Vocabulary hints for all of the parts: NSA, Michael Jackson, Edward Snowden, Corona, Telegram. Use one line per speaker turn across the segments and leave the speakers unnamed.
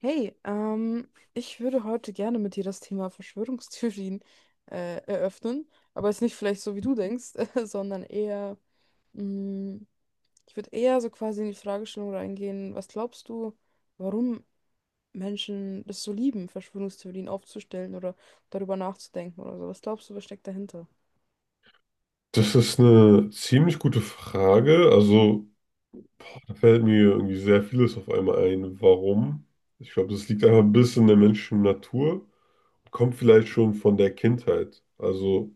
Hey, ich würde heute gerne mit dir das Thema Verschwörungstheorien eröffnen, aber jetzt nicht vielleicht so, wie du denkst, sondern eher, mh, ich würde eher so quasi in die Fragestellung reingehen. Was glaubst du, warum Menschen das so lieben, Verschwörungstheorien aufzustellen oder darüber nachzudenken oder so? Was glaubst du, was steckt dahinter?
Das ist eine ziemlich gute Frage. Also, da fällt mir irgendwie sehr vieles auf einmal ein. Warum? Ich glaube, das liegt einfach ein bisschen in der menschlichen Natur. Kommt vielleicht schon von der Kindheit. Also,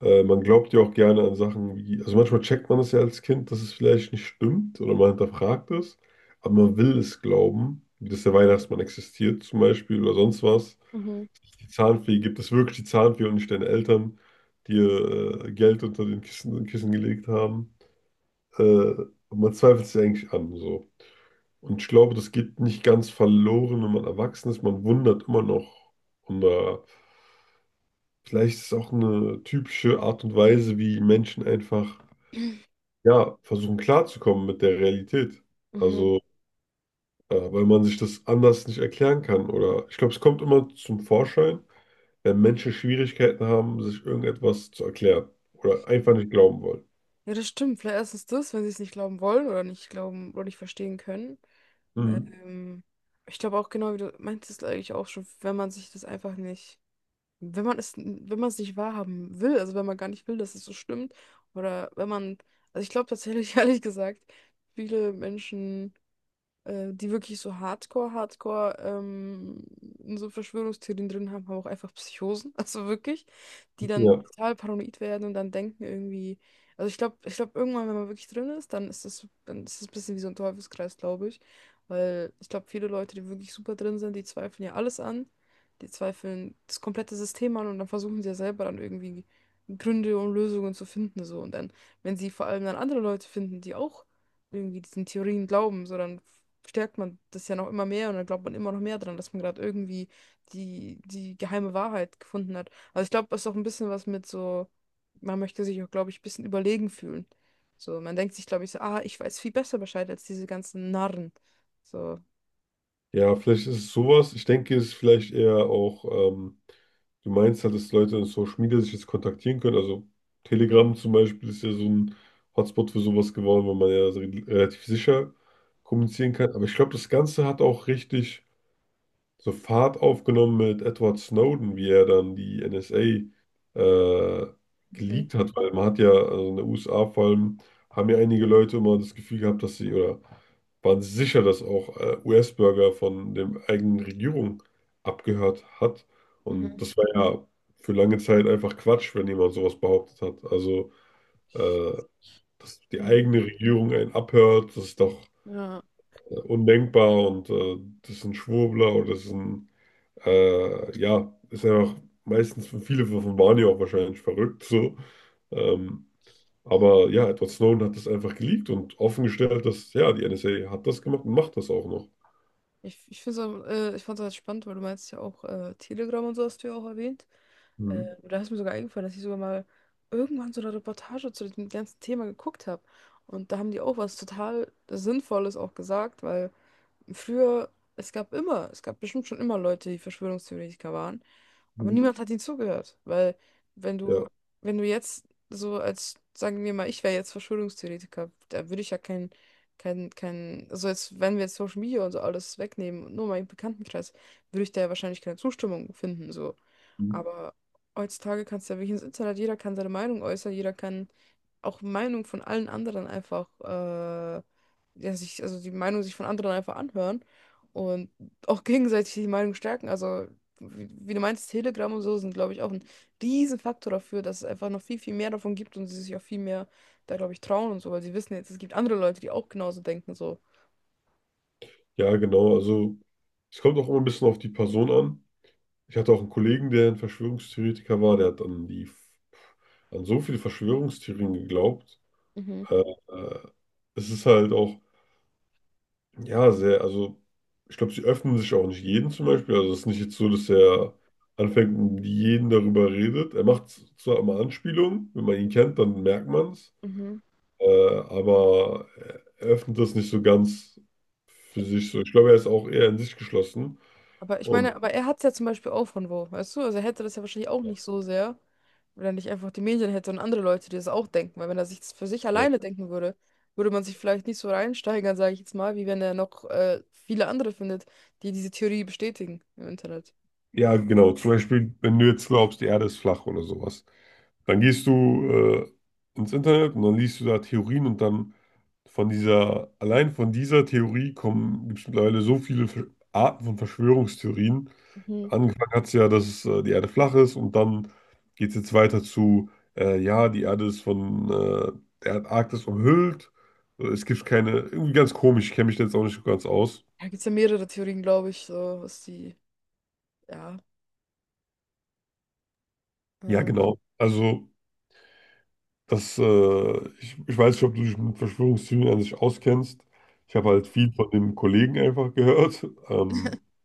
man glaubt ja auch gerne an Sachen wie, also manchmal checkt man es ja als Kind, dass es vielleicht nicht stimmt oder man hinterfragt es, aber man will es glauben, wie dass der Weihnachtsmann existiert zum Beispiel oder sonst was.
Mhm.
Die Zahnfee, gibt es wirklich die Zahnfee und nicht deine Eltern, die ihr Geld unter den Kissen gelegt haben? Man zweifelt sich eigentlich an. So. Und ich glaube, das geht nicht ganz verloren, wenn man erwachsen ist. Man wundert immer noch. Und vielleicht ist es auch eine typische Art und Weise, wie Menschen einfach ja, versuchen klarzukommen mit der Realität.
Mhm.
Also, weil man sich das anders nicht erklären kann. Oder ich glaube, es kommt immer zum Vorschein, wenn Menschen Schwierigkeiten haben, sich irgendetwas zu erklären. Oder einfach nicht glauben wollen.
Ja, das stimmt. Vielleicht erstens das, wenn sie es nicht glauben wollen oder nicht glauben oder nicht verstehen können.
Mhm.
Ähm, ich glaube auch genau, wie du meintest eigentlich auch schon, wenn man sich das einfach nicht, wenn man es nicht wahrhaben will, also wenn man gar nicht will, dass es so stimmt, oder wenn man, also ich glaube tatsächlich, ehrlich gesagt, viele Menschen die wirklich so Hardcore, Hardcore in so Verschwörungstheorien drin haben, haben auch einfach Psychosen, also wirklich, die dann
Ja.
total paranoid werden und dann denken irgendwie, also ich glaube irgendwann, wenn man wirklich drin ist, dann ist das ein bisschen wie so ein Teufelskreis, glaube ich, weil ich glaube, viele Leute, die wirklich super drin sind, die zweifeln ja alles an, die zweifeln das komplette System an, und dann versuchen sie ja selber dann irgendwie Gründe und Lösungen zu finden, so. Und dann, wenn sie vor allem dann andere Leute finden, die auch irgendwie diesen Theorien glauben, so, dann stärkt man das ja noch immer mehr und dann glaubt man immer noch mehr dran, dass man gerade irgendwie die geheime Wahrheit gefunden hat. Also ich glaube, es ist auch ein bisschen was mit so, man möchte sich auch, glaube ich, ein bisschen überlegen fühlen. So, man denkt sich, glaube ich, so, ah, ich weiß viel besser Bescheid als diese ganzen Narren. So.
Ja, vielleicht ist es sowas. Ich denke, es ist vielleicht eher auch, ähm, du meinst halt, dass Leute in Social Media sich jetzt kontaktieren können. Also Telegram zum Beispiel ist ja so ein Hotspot für sowas geworden, weil man ja so relativ sicher kommunizieren kann. Aber ich glaube, das Ganze hat auch richtig so Fahrt aufgenommen mit Edward Snowden, wie er dann die NSA äh,
Mhm.
geleakt hat, weil man hat ja, also in den USA vor allem, haben ja einige Leute immer das Gefühl gehabt, dass sie oder waren sicher, dass auch US-Bürger von der eigenen Regierung abgehört hat. Und
Mhm.
das war ja für lange Zeit einfach Quatsch, wenn jemand sowas behauptet hat. Also, äh, dass die
Mhm.
eigene Regierung einen abhört, das ist doch
Ja.
undenkbar und das ist ein Schwurbler oder das ist ein ja, ist einfach meistens für viele von Barney auch wahrscheinlich verrückt so. Ähm, aber ja, Edward Snowden hat das einfach geleakt und offengestellt, dass ja, die NSA hat das gemacht und macht das auch noch.
Ich find's auch, ich fand es halt spannend, weil du meinst ja auch Telegram und so hast du ja auch erwähnt.
Mhm.
Da ist mir sogar eingefallen, dass ich sogar mal irgendwann so eine Reportage zu dem ganzen Thema geguckt habe. Und da haben die auch was total Sinnvolles auch gesagt, weil früher, es gab bestimmt schon immer Leute, die Verschwörungstheoretiker waren, aber
Mhm.
niemand hat ihnen zugehört, weil wenn du,
Ja.
wenn du jetzt so als, sagen wir mal, ich wäre jetzt Verschwörungstheoretiker, da würde ich ja keinen kein, kein, also jetzt, wenn wir jetzt Social Media und so alles wegnehmen und nur meinen Bekanntenkreis, würde ich da ja wahrscheinlich keine Zustimmung finden, so.
Mhm.
Aber heutzutage kannst du ja wirklich ins Internet, jeder kann seine Meinung äußern, jeder kann auch Meinung von allen anderen einfach, ja, sich, also die Meinung sich von anderen einfach anhören und auch gegenseitig die Meinung stärken. Also, wie du meinst, Telegram und so sind, glaube ich, auch ein Riesenfaktor dafür, dass es einfach noch viel, viel mehr davon gibt und sie sich auch viel mehr da, glaube ich, trauen und so, weil sie wissen jetzt, es gibt andere Leute, die auch genauso denken, so.
Ja, genau. Also es kommt auch immer ein bisschen auf die Person an. Ich hatte auch einen Kollegen, der ein Verschwörungstheoretiker war, der hat an die an so viele Verschwörungstheorien geglaubt.
Mhm.
Äh, äh, Es ist halt auch ja, sehr. Also, ich glaube, sie öffnen sich auch nicht jeden zum Beispiel. Also, es ist nicht jetzt so, dass
Ja.
er anfängt und jeden darüber redet. Er macht zwar immer Anspielungen, wenn man ihn kennt, dann merkt man es.
Mhm.
Aber er öffnet das nicht so ganz für sich so. Ich glaube, er ist auch eher in sich geschlossen.
Aber ich
Und
meine, aber er hat es ja zum Beispiel auch von wo, weißt du? Also er hätte das ja wahrscheinlich auch nicht so sehr, wenn er nicht einfach die Medien hätte und andere Leute, die das auch denken. Weil wenn er sich das für sich
ja.
alleine denken würde, würde man sich vielleicht nicht so reinsteigern, sage ich jetzt mal, wie wenn er noch viele andere findet, die diese Theorie bestätigen im Internet.
Ja, genau. Zum Beispiel, wenn du jetzt glaubst, die Erde ist flach oder sowas, dann gehst du ins Internet und dann liest du da Theorien und dann von dieser, allein von dieser Theorie kommen, gibt es mittlerweile so viele Arten von Verschwörungstheorien.
Mhm.
Angefangen hat es ja, dass die Erde flach ist und dann geht es jetzt weiter zu, ja, die Erde ist von der Antarktis umhüllt. Es gibt keine, irgendwie ganz komisch, ich kenne mich da jetzt auch nicht so ganz aus.
Da gibt es ja mehrere Theorien, glaube ich, so was die, ja.
Ja,
Ähm.
genau. Also. Das, ich, ich weiß nicht, ob du dich mit Verschwörungstheorien an sich auskennst. Ich habe halt viel von dem Kollegen einfach gehört. Ähm,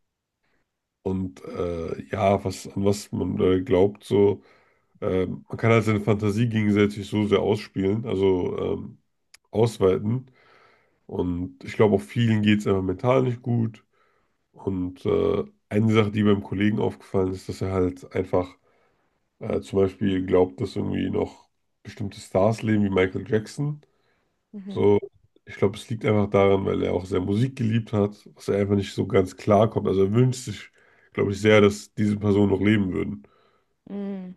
und ja, an was man glaubt, so, man kann halt seine Fantasie gegenseitig so sehr ausspielen, also ausweiten. Und ich glaube, auch vielen geht es einfach mental nicht gut. Und eine Sache, die beim Kollegen aufgefallen ist, dass er halt einfach zum Beispiel glaubt, dass irgendwie noch bestimmte Stars leben, wie Michael Jackson.
Mhm.
So, ich glaube, es liegt einfach daran, weil er auch sehr Musik geliebt hat, was er einfach nicht so ganz klar kommt. Also er wünscht sich, glaube ich, sehr, dass diese Personen noch leben würden.
Mhm.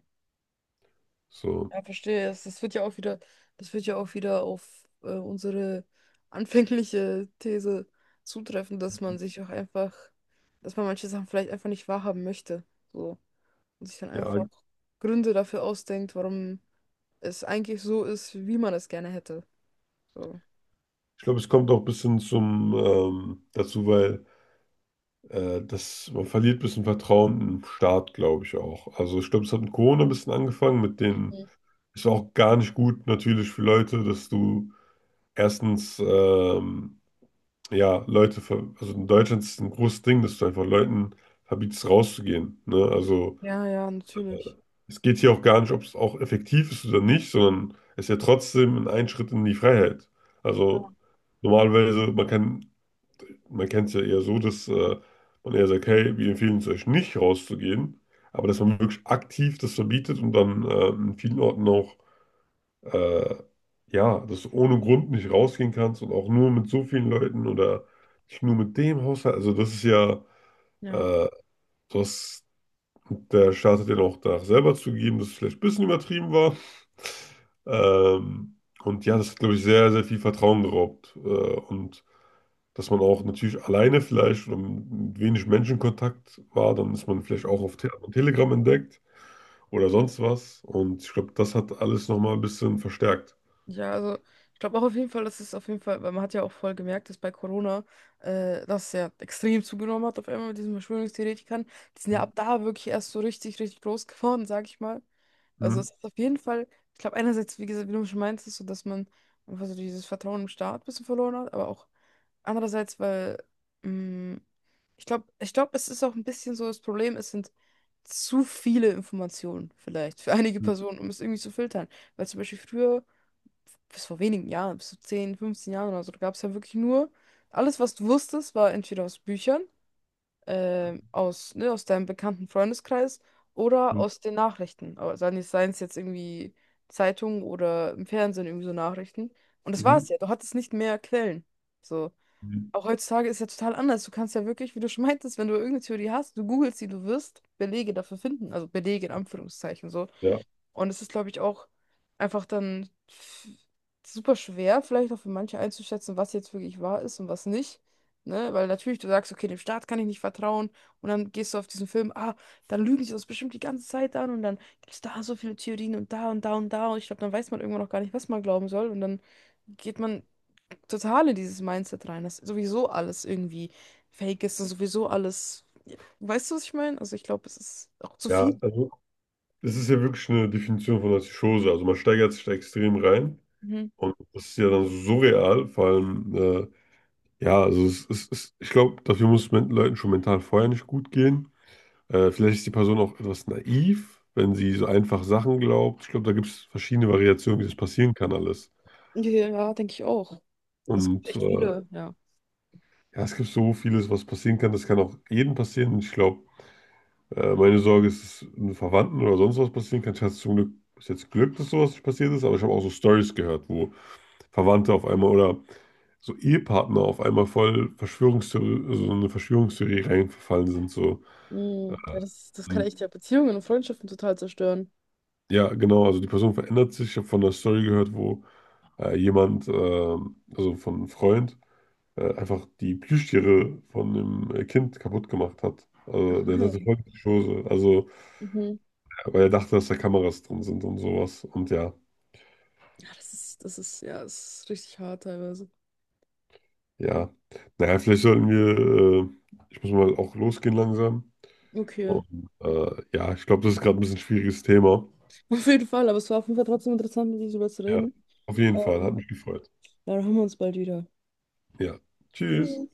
So,
Ja, verstehe. Das wird ja auch wieder, das wird ja auch wieder auf unsere anfängliche These zutreffen, dass man sich auch einfach, dass man manche Sachen vielleicht einfach nicht wahrhaben möchte. So. Und sich dann
ja,
einfach
ich
Gründe dafür ausdenkt, warum es eigentlich so ist, wie man es gerne hätte. So.
glaube, es kommt auch ein bisschen zum dazu, weil man verliert ein bisschen Vertrauen im Staat, glaube ich auch. Also ich glaube, es hat mit Corona ein bisschen angefangen, mit den,
Mhm.
ist auch gar nicht gut natürlich für Leute, dass du erstens ja, also in Deutschland ist es ein großes Ding, dass du einfach Leuten verbietest, rauszugehen. Ne? Also
Ja, ja, natürlich.
es geht hier auch gar nicht, ob es auch effektiv ist oder nicht, sondern es ist ja trotzdem ein Einschritt in die Freiheit. Also normalerweise, man kennt es ja eher so, dass man eher sagt, hey, wir empfehlen es euch nicht rauszugehen, aber dass man wirklich aktiv das verbietet und dann in vielen Orten auch äh, ja, dass du ohne Grund nicht rausgehen kannst und auch nur mit so vielen Leuten oder nicht nur mit dem Haushalt. Also das ist ja,
Ja.
äh, das, der Staat hat ja auch danach selber zugegeben, dass es vielleicht ein bisschen übertrieben war. Ähm, und ja, das hat, glaube ich, sehr, sehr viel Vertrauen geraubt. Und dass man auch natürlich alleine vielleicht oder mit wenig Menschenkontakt war, dann ist man vielleicht auch auf Te auf Telegram entdeckt oder sonst was. Und ich glaube, das hat alles nochmal ein bisschen verstärkt.
Ja, also ich glaube auch auf jeden Fall, weil man hat ja auch voll gemerkt, dass bei Corona das ja extrem zugenommen hat auf einmal mit diesen Verschwörungstheoretikern. Die sind ja ab da wirklich erst so richtig, richtig groß geworden, sag ich mal. Also
Hm.
es ist auf jeden Fall, ich glaube einerseits, wie gesagt, wie du schon meinst, ist so, dass man einfach so dieses Vertrauen im Staat ein bisschen verloren hat, aber auch andererseits, weil mh, ich glaube, es ist auch ein bisschen so das Problem, es sind zu viele Informationen vielleicht für einige
Mhm.
Personen, um es irgendwie zu filtern. Weil zum Beispiel früher bis vor wenigen Jahren, bis zu 10, 15 Jahren oder so, da gab es ja wirklich nur, alles, was du wusstest, war entweder aus Büchern, aus, ne, aus deinem bekannten Freundeskreis oder aus den Nachrichten. Aber seien es jetzt irgendwie Zeitungen oder im Fernsehen irgendwie so Nachrichten. Und das war
Mhm.
es ja, du hattest nicht mehr Quellen. So.
Mhm.
Auch heutzutage ist ja total anders. Du kannst ja wirklich, wie du schon meintest, wenn du irgendeine Theorie hast, du googelst sie, du wirst Belege dafür finden. Also Belege in Anführungszeichen so.
Ja,
Und es ist, glaube ich, auch einfach super schwer, vielleicht auch für manche einzuschätzen, was jetzt wirklich wahr ist und was nicht. Ne? Weil natürlich du sagst, okay, dem Staat kann ich nicht vertrauen. Und dann gehst du auf diesen Film, ah, dann lügen sie uns bestimmt die ganze Zeit an. Und dann gibt es da so viele Theorien und da und da und da. Und ich glaube, dann weiß man irgendwann auch gar nicht, was man glauben soll. Und dann geht man total in dieses Mindset rein, dass sowieso alles irgendwie fake ist und sowieso alles. Weißt du, was ich meine? Also ich glaube, es ist auch zu viel.
ja, also es ist ja wirklich eine Definition von Artischose. Also man steigert sich da extrem rein
Mhm.
und das ist ja dann so surreal, vor allem, ja, also es ist, ich glaube, dafür muss es Leuten schon mental vorher nicht gut gehen. Vielleicht ist die Person auch etwas naiv, wenn sie so einfach Sachen glaubt. Ich glaube, da gibt es verschiedene Variationen, wie das passieren kann alles.
Ja, denke ich auch. Es gibt
Und
echt viele, ja.
ja, es gibt so vieles, was passieren kann. Das kann auch jedem passieren. Und ich glaube, äh, meine Sorge ist, dass einem Verwandten oder sonst was passieren kann. Ich hatte zum Glück bis jetzt Glück, dass sowas nicht passiert ist, aber ich habe auch so Stories gehört, wo Verwandte auf einmal oder so Ehepartner auf einmal voll also so eine Verschwörungstheorie reingefallen sind. So.
Mm, ja,
Äh,
das kann
Und
echt ja Beziehungen und Freundschaften total zerstören.
ja, genau, also die Person verändert sich. Ich habe von einer Story gehört, wo also von einem Freund, einfach die Plüschtiere von dem Kind kaputt gemacht hat. Also der hatte
Nein.
voll die Schose, also
Mhm.
weil er dachte, dass da Kameras drin sind und sowas. Und ja.
Ja, ja, das ist richtig hart teilweise.
Ja, naja, vielleicht sollten wir, ich muss mal auch losgehen langsam.
Okay.
Und ja, ich glaube, das ist gerade ein bisschen ein schwieriges Thema.
Auf jeden Fall, aber es war auf jeden Fall trotzdem interessant, mit dir darüber zu
Ja,
reden.
auf jeden Fall, hat
Ähm,
mich gefreut.
dann hören wir uns bald wieder.
Ja, tschüss.
Tschüss.